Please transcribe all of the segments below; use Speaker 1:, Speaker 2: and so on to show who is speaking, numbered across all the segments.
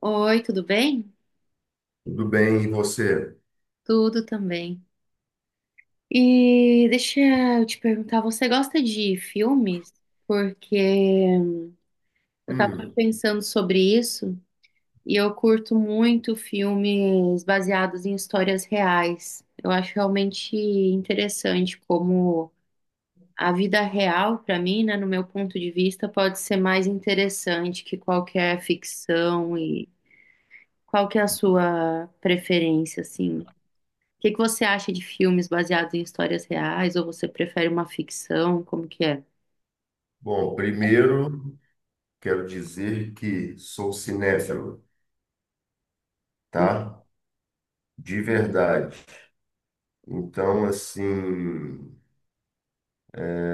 Speaker 1: Oi, tudo bem?
Speaker 2: Tudo bem, e você?
Speaker 1: Tudo também. E deixa eu te perguntar, você gosta de filmes? Porque eu tava
Speaker 2: Hum,
Speaker 1: pensando sobre isso e eu curto muito filmes baseados em histórias reais. Eu acho realmente interessante como a vida real, para mim, né, no meu ponto de vista, pode ser mais interessante que qualquer ficção e qual que é a sua preferência, assim? O que que você acha de filmes baseados em histórias reais? Ou você prefere uma ficção? Como que é?
Speaker 2: Bom, primeiro quero dizer que sou cinéfilo, tá? De verdade. Então, assim, é,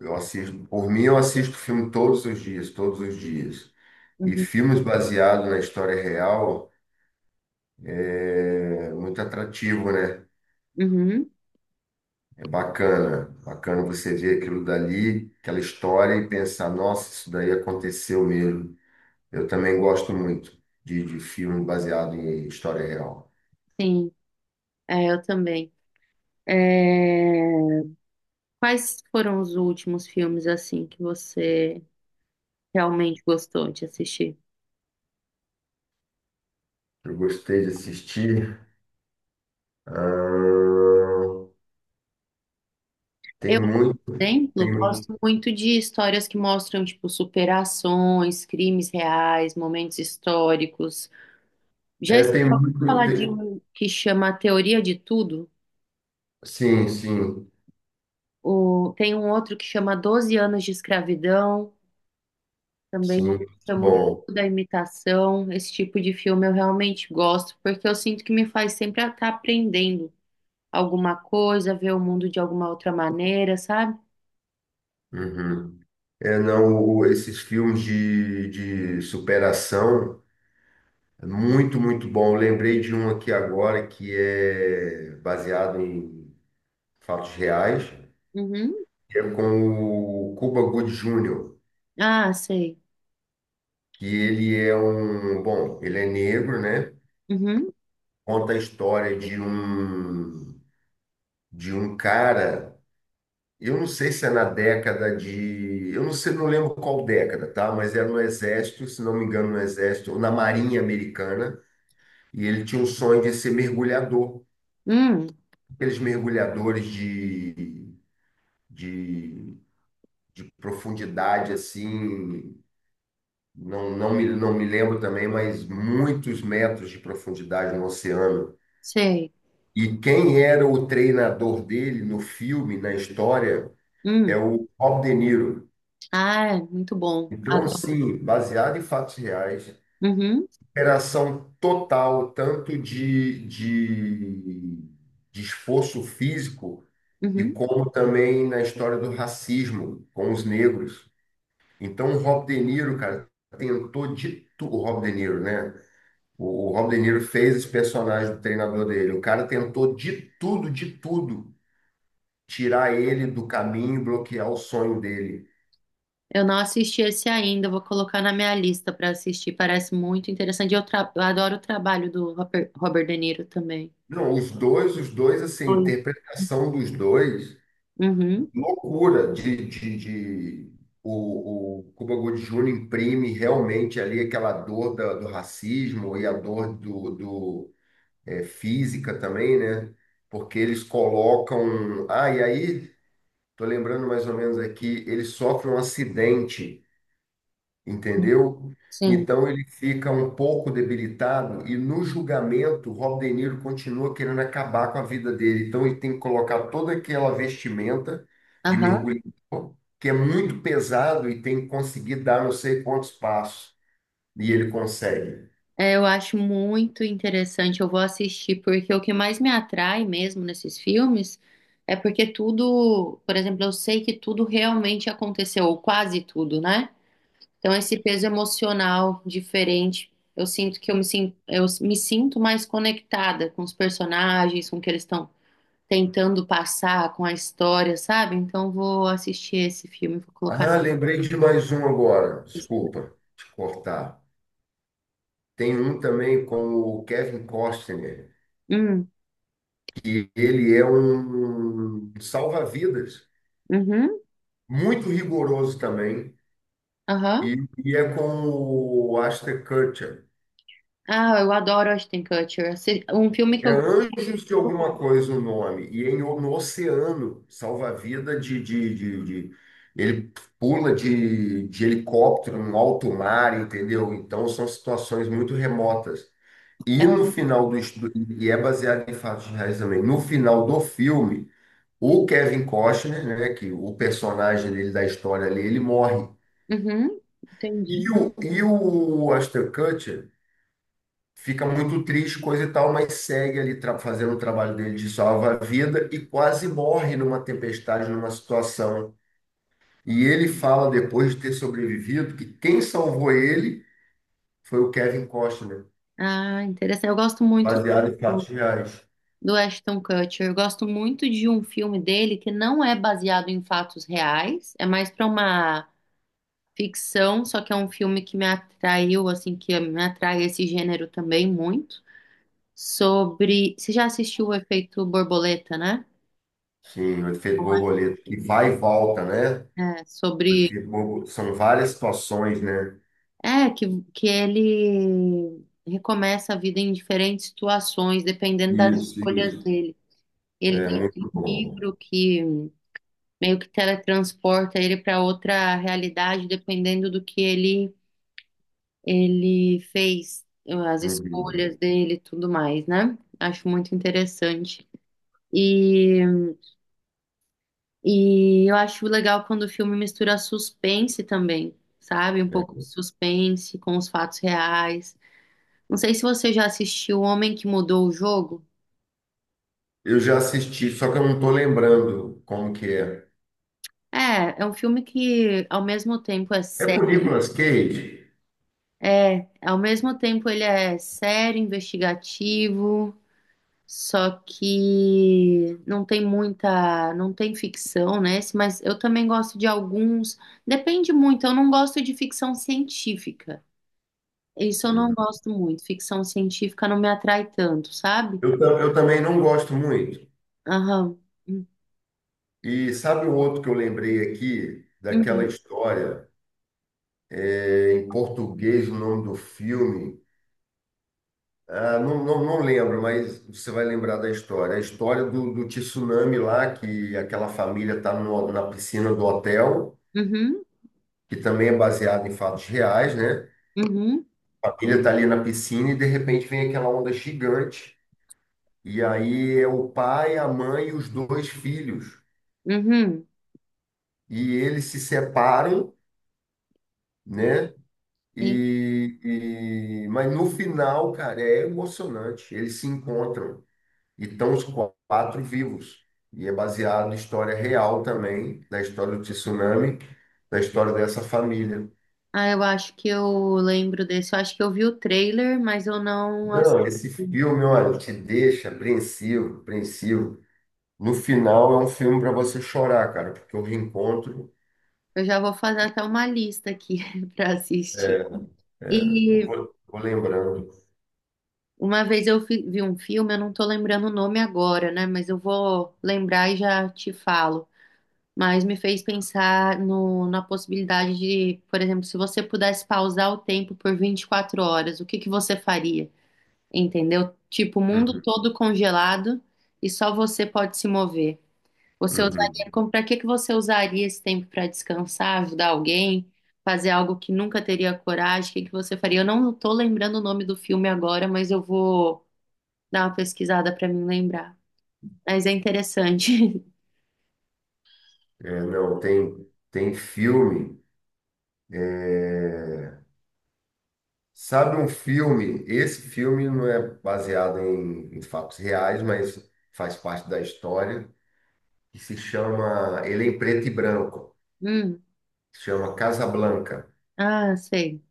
Speaker 2: eu assisto, por mim eu assisto filme todos os dias, todos os dias. E
Speaker 1: Uhum.
Speaker 2: filmes baseados na história real é muito atrativo, né?
Speaker 1: Uhum.
Speaker 2: É bacana, bacana você ver aquilo dali, aquela história e pensar, nossa, isso daí aconteceu mesmo. Eu também gosto muito de filme baseado em história real.
Speaker 1: Sim, é, eu também. É, Quais foram os últimos filmes assim que você realmente gostou de assistir?
Speaker 2: Eu gostei de assistir. ah, Tem
Speaker 1: Eu, por
Speaker 2: muito,
Speaker 1: exemplo, gosto muito de histórias que mostram tipo superações, crimes reais, momentos históricos. Já
Speaker 2: é,
Speaker 1: estou
Speaker 2: tem
Speaker 1: a
Speaker 2: muito.
Speaker 1: falar de um que chama A Teoria de Tudo.
Speaker 2: Sim, sim,
Speaker 1: Tem um outro que chama 12 anos de escravidão.
Speaker 2: sim,
Speaker 1: Também eu
Speaker 2: muito
Speaker 1: chamo Jogo
Speaker 2: bom.
Speaker 1: da imitação. Esse tipo de filme eu realmente gosto, porque eu sinto que me faz sempre estar aprendendo alguma coisa, ver o mundo de alguma outra maneira, sabe?
Speaker 2: Uhum. É, não, esses filmes de superação, é muito, muito bom. Eu lembrei de um aqui agora que é baseado em fatos reais,
Speaker 1: Uhum.
Speaker 2: que é com o Cuba Gooding Jr.
Speaker 1: Ah, sei.
Speaker 2: que ele é um, bom, ele é negro, né?
Speaker 1: Uhum.
Speaker 2: Conta a história de um cara, eu não sei se é na década de, eu não sei, não lembro qual década, tá? Mas era no exército, se não me engano, no exército ou na Marinha Americana, e ele tinha o sonho de ser mergulhador,
Speaker 1: Hum,
Speaker 2: aqueles mergulhadores de, de profundidade assim, não, não me lembro também, mas muitos metros de profundidade no oceano.
Speaker 1: sei.
Speaker 2: E quem era o treinador dele no filme, na história, é
Speaker 1: Hum.
Speaker 2: o Rob De Niro.
Speaker 1: Ah, é muito bom.
Speaker 2: Então,
Speaker 1: Adoro.
Speaker 2: assim, baseado em fatos reais,
Speaker 1: Uhum.
Speaker 2: operação total, tanto de esforço físico, e
Speaker 1: Uhum.
Speaker 2: como também na história do racismo com os negros. Então, o Rob De Niro, cara, tentou de tudo. O Rob De Niro, né? O Rob De Niro fez esse personagem do treinador dele. O cara tentou de tudo tirar ele do caminho, bloquear o sonho dele.
Speaker 1: Eu não assisti esse ainda, vou colocar na minha lista para assistir. Parece muito interessante. Eu adoro o trabalho do Robert De Niro também.
Speaker 2: Não, os dois, assim, a
Speaker 1: Oi.
Speaker 2: interpretação dos dois,
Speaker 1: Uhum.
Speaker 2: loucura o Cuba Gooding Jr. imprime realmente ali aquela dor do racismo e a dor do é, física também, né? Porque eles colocam, ah, e aí, tô lembrando mais ou menos aqui, ele sofre um acidente, entendeu?
Speaker 1: Sim.
Speaker 2: Então ele fica um pouco debilitado e no julgamento Rob De Niro continua querendo acabar com a vida dele. Então ele tem que colocar toda aquela vestimenta de
Speaker 1: Aham.
Speaker 2: mergulhador, que é muito pesado e tem que conseguir dar não sei quantos passos. E ele consegue.
Speaker 1: É, eu acho muito interessante, eu vou assistir, porque o que mais me atrai mesmo nesses filmes é porque tudo, por exemplo, eu sei que tudo realmente aconteceu, ou quase tudo, né? Então esse peso emocional diferente, eu sinto que eu me sinto mais conectada com os personagens, com o que eles estão tentando passar, com a história, sabe? Então eu vou assistir esse filme, vou colocar na
Speaker 2: Ah, lembrei de mais um agora.
Speaker 1: lista.
Speaker 2: Desculpa te cortar. Tem um também com o Kevin Costner.
Speaker 1: Hum,
Speaker 2: Ele é um salva-vidas,
Speaker 1: uhum,
Speaker 2: muito rigoroso também. E,
Speaker 1: aham.
Speaker 2: e é com o Ashton Kutcher.
Speaker 1: Ah, eu adoro Ashton Kutcher. Um filme que
Speaker 2: É
Speaker 1: eu gosto.
Speaker 2: Anjos de alguma coisa o nome. E é em, no oceano, salva-vida de- ele pula de helicóptero no alto mar, entendeu? Então são situações muito remotas. E no final do estudo, e é baseado em fatos reais também, no final do filme, o Kevin Costner, né, que o personagem dele da história ali, ele morre.
Speaker 1: Uhum, entendi.
Speaker 2: E o Ashton Kutcher fica muito triste, coisa e tal, mas segue ali fazendo o trabalho dele de salva-vida e quase morre numa tempestade, numa situação. E ele fala, depois de ter sobrevivido, que quem salvou ele foi o Kevin Costner,
Speaker 1: Ah, interessante. Eu gosto muito
Speaker 2: baseado em fatos
Speaker 1: do,
Speaker 2: reais.
Speaker 1: do Ashton Kutcher. Eu gosto muito de um filme dele que não é baseado em fatos reais, é mais para uma ficção, só que é um filme que me atraiu, assim, que me atrai esse gênero também muito. Sobre. Você já assistiu o Efeito Borboleta, né?
Speaker 2: Sim, o efeito
Speaker 1: Não é?
Speaker 2: borboleta, que vai e volta, né?
Speaker 1: É,
Speaker 2: O
Speaker 1: sobre.
Speaker 2: são várias situações, né?
Speaker 1: É, que, que ele recomeça a vida em diferentes situações, dependendo das
Speaker 2: Isso,
Speaker 1: escolhas
Speaker 2: isso.
Speaker 1: dele. Ele
Speaker 2: É
Speaker 1: tem aquele
Speaker 2: muito bom.
Speaker 1: livro que meio que teletransporta ele para outra realidade, dependendo do que ele fez, as
Speaker 2: Uhum.
Speaker 1: escolhas dele, e tudo mais, né? Acho muito interessante. E, e eu acho legal quando o filme mistura suspense também, sabe? Um pouco de
Speaker 2: É.
Speaker 1: suspense com os fatos reais. Não sei se você já assistiu O Homem que Mudou o Jogo.
Speaker 2: Eu já assisti, só que eu não estou lembrando como que é.
Speaker 1: É, é um filme que ao mesmo tempo é
Speaker 2: É com o
Speaker 1: sério.
Speaker 2: Nicolas Cage?
Speaker 1: É, ao mesmo tempo ele é sério, investigativo, só que não tem ficção, né? Esse- Mas eu também gosto de alguns, depende muito, eu não gosto de ficção científica. Isso eu não
Speaker 2: Uhum.
Speaker 1: gosto muito, ficção científica não me atrai tanto, sabe?
Speaker 2: Eu também não gosto muito.
Speaker 1: Aham.
Speaker 2: E sabe o outro que eu lembrei aqui, daquela
Speaker 1: Uhum,
Speaker 2: história, é, em português, o nome do filme? Ah, não, não, não lembro, mas você vai lembrar da história. A história do tsunami lá, que aquela família está na piscina do hotel,
Speaker 1: uhum,
Speaker 2: que também é baseado em fatos reais, né?
Speaker 1: uhum,
Speaker 2: A família está ali na piscina e de repente vem aquela onda gigante. E aí é o pai, a mãe e os dois filhos.
Speaker 1: uhum.
Speaker 2: E eles se separam, né?
Speaker 1: Sim.
Speaker 2: E, mas no final, cara, é emocionante. Eles se encontram e estão os quatro vivos. E é baseado na história real também, da história do tsunami, da história dessa família.
Speaker 1: Ah, eu acho que eu lembro desse, eu acho que eu vi o trailer, mas eu não assisti.
Speaker 2: Não, esse filme, olha, te deixa apreensivo, apreensivo. No final é um filme para você chorar, cara, porque o reencontro,
Speaker 1: Eu já vou fazer até uma lista aqui para assistir.
Speaker 2: é, eu
Speaker 1: E
Speaker 2: vou, vou lembrando.
Speaker 1: uma vez vi um filme, eu não tô lembrando o nome agora, né? Mas eu vou lembrar e já te falo. Mas me fez pensar na possibilidade de, por exemplo, se você pudesse pausar o tempo por 24 horas, o que que você faria? Entendeu? Tipo, o mundo
Speaker 2: Uhum,
Speaker 1: todo congelado e só você pode se mover. Você
Speaker 2: uhum.
Speaker 1: usaria, como, para que que você usaria esse tempo para descansar, ajudar alguém, fazer algo que nunca teria coragem? O que que você faria? Eu não tô lembrando o nome do filme agora, mas eu vou dar uma pesquisada para me lembrar. Mas é interessante.
Speaker 2: É, não, tem, tem filme. é, Sabe um filme? Esse filme não é baseado em fatos reais, mas faz parte da história, que se chama, ele é em preto e branco,
Speaker 1: Hum,
Speaker 2: se chama Casablanca,
Speaker 1: ah, sei.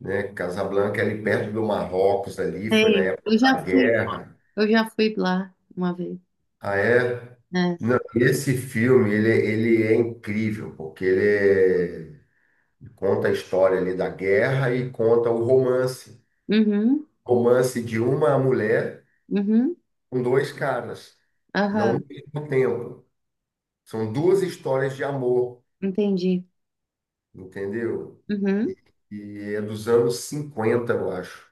Speaker 2: né? Casablanca é ali perto do Marrocos ali, foi na
Speaker 1: Sei.
Speaker 2: época da guerra.
Speaker 1: Eu já fui lá uma vez,
Speaker 2: Ah, é?
Speaker 1: né?
Speaker 2: Não, esse filme, ele é incrível, porque ele conta a história ali da guerra e conta o romance,
Speaker 1: Uhum,
Speaker 2: romance de uma mulher
Speaker 1: uhum,
Speaker 2: com dois caras, não
Speaker 1: aham,
Speaker 2: no mesmo tempo. São duas histórias de amor,
Speaker 1: entendi.
Speaker 2: entendeu? E,
Speaker 1: Uhum.
Speaker 2: e é dos anos 50, eu acho.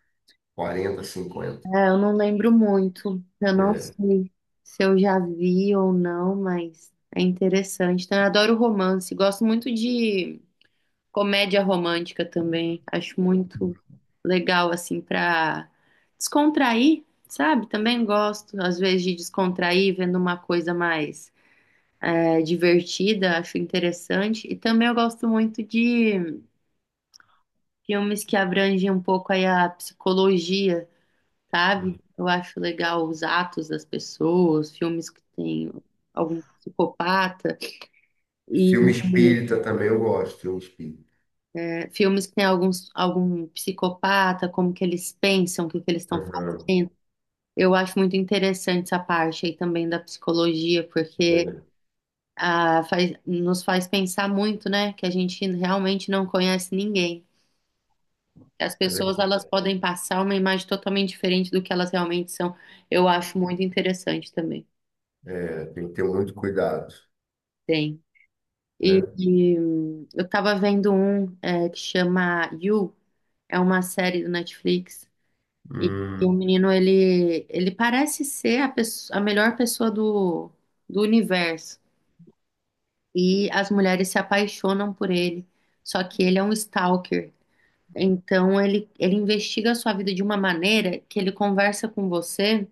Speaker 2: 40, 50.
Speaker 1: É, eu não lembro muito. Eu não
Speaker 2: É.
Speaker 1: sei se eu já vi ou não, mas é interessante. Então, eu adoro romance. Gosto muito de comédia romântica também. Acho muito legal, assim, pra descontrair, sabe? Também gosto, às vezes, de descontrair vendo uma coisa mais divertida. Acho interessante. E também eu gosto muito de filmes que abrangem um pouco aí a psicologia. Sabe? Eu acho legal os atos das pessoas, filmes que tem algum psicopata e
Speaker 2: Filme espírita também eu gosto, filme espírita.
Speaker 1: filmes que tem algum psicopata, como que eles pensam, o que que eles estão
Speaker 2: Aham,
Speaker 1: fazendo. Eu acho muito interessante essa parte aí também da psicologia, porque
Speaker 2: é,
Speaker 1: ah, nos faz pensar muito, né? Que a gente realmente não conhece ninguém. As
Speaker 2: é
Speaker 1: pessoas, elas
Speaker 2: verdade.
Speaker 1: podem passar uma imagem totalmente diferente do que elas realmente são. Eu acho muito interessante também.
Speaker 2: É, tem que ter muito cuidado,
Speaker 1: Tem.
Speaker 2: né?
Speaker 1: Eu tava vendo um que chama You, é uma série do Netflix. E,
Speaker 2: Hum,
Speaker 1: e o menino, ele parece ser a melhor pessoa do universo. E as mulheres se apaixonam por ele. Só que ele é um stalker. Então ele investiga a sua vida de uma maneira que ele conversa com você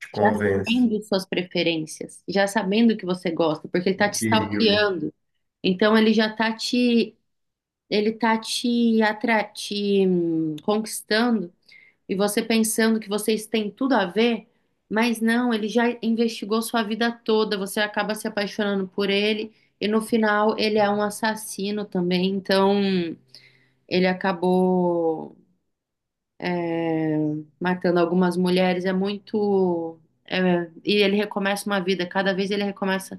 Speaker 2: te
Speaker 1: já
Speaker 2: convence.
Speaker 1: sabendo suas preferências, já sabendo o que você gosta, porque ele tá te
Speaker 2: Perigo.
Speaker 1: stalkeando. Então ele tá te, atra te conquistando e você pensando que vocês têm tudo a ver, mas não, ele já investigou sua vida toda, você acaba se apaixonando por ele e no final ele é um assassino também, então ele acabou é, matando algumas mulheres, é muito. É, e ele recomeça uma vida, cada vez ele recomeça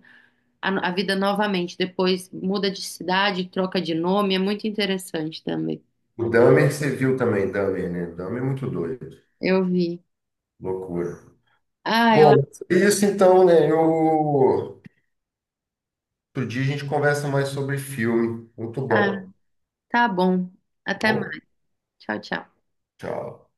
Speaker 1: a vida novamente, depois muda de cidade, troca de nome, é muito interessante também.
Speaker 2: O Dahmer você viu também, Dahmer, né? Dahmer é muito doido.
Speaker 1: Eu vi.
Speaker 2: Loucura.
Speaker 1: Ah, eu...
Speaker 2: Bom, é isso então, né? Eu outro dia a gente conversa mais sobre filme. Muito
Speaker 1: Ah,
Speaker 2: bom.
Speaker 1: tá bom. Até
Speaker 2: Bom,
Speaker 1: mais. Tchau, tchau.
Speaker 2: tchau.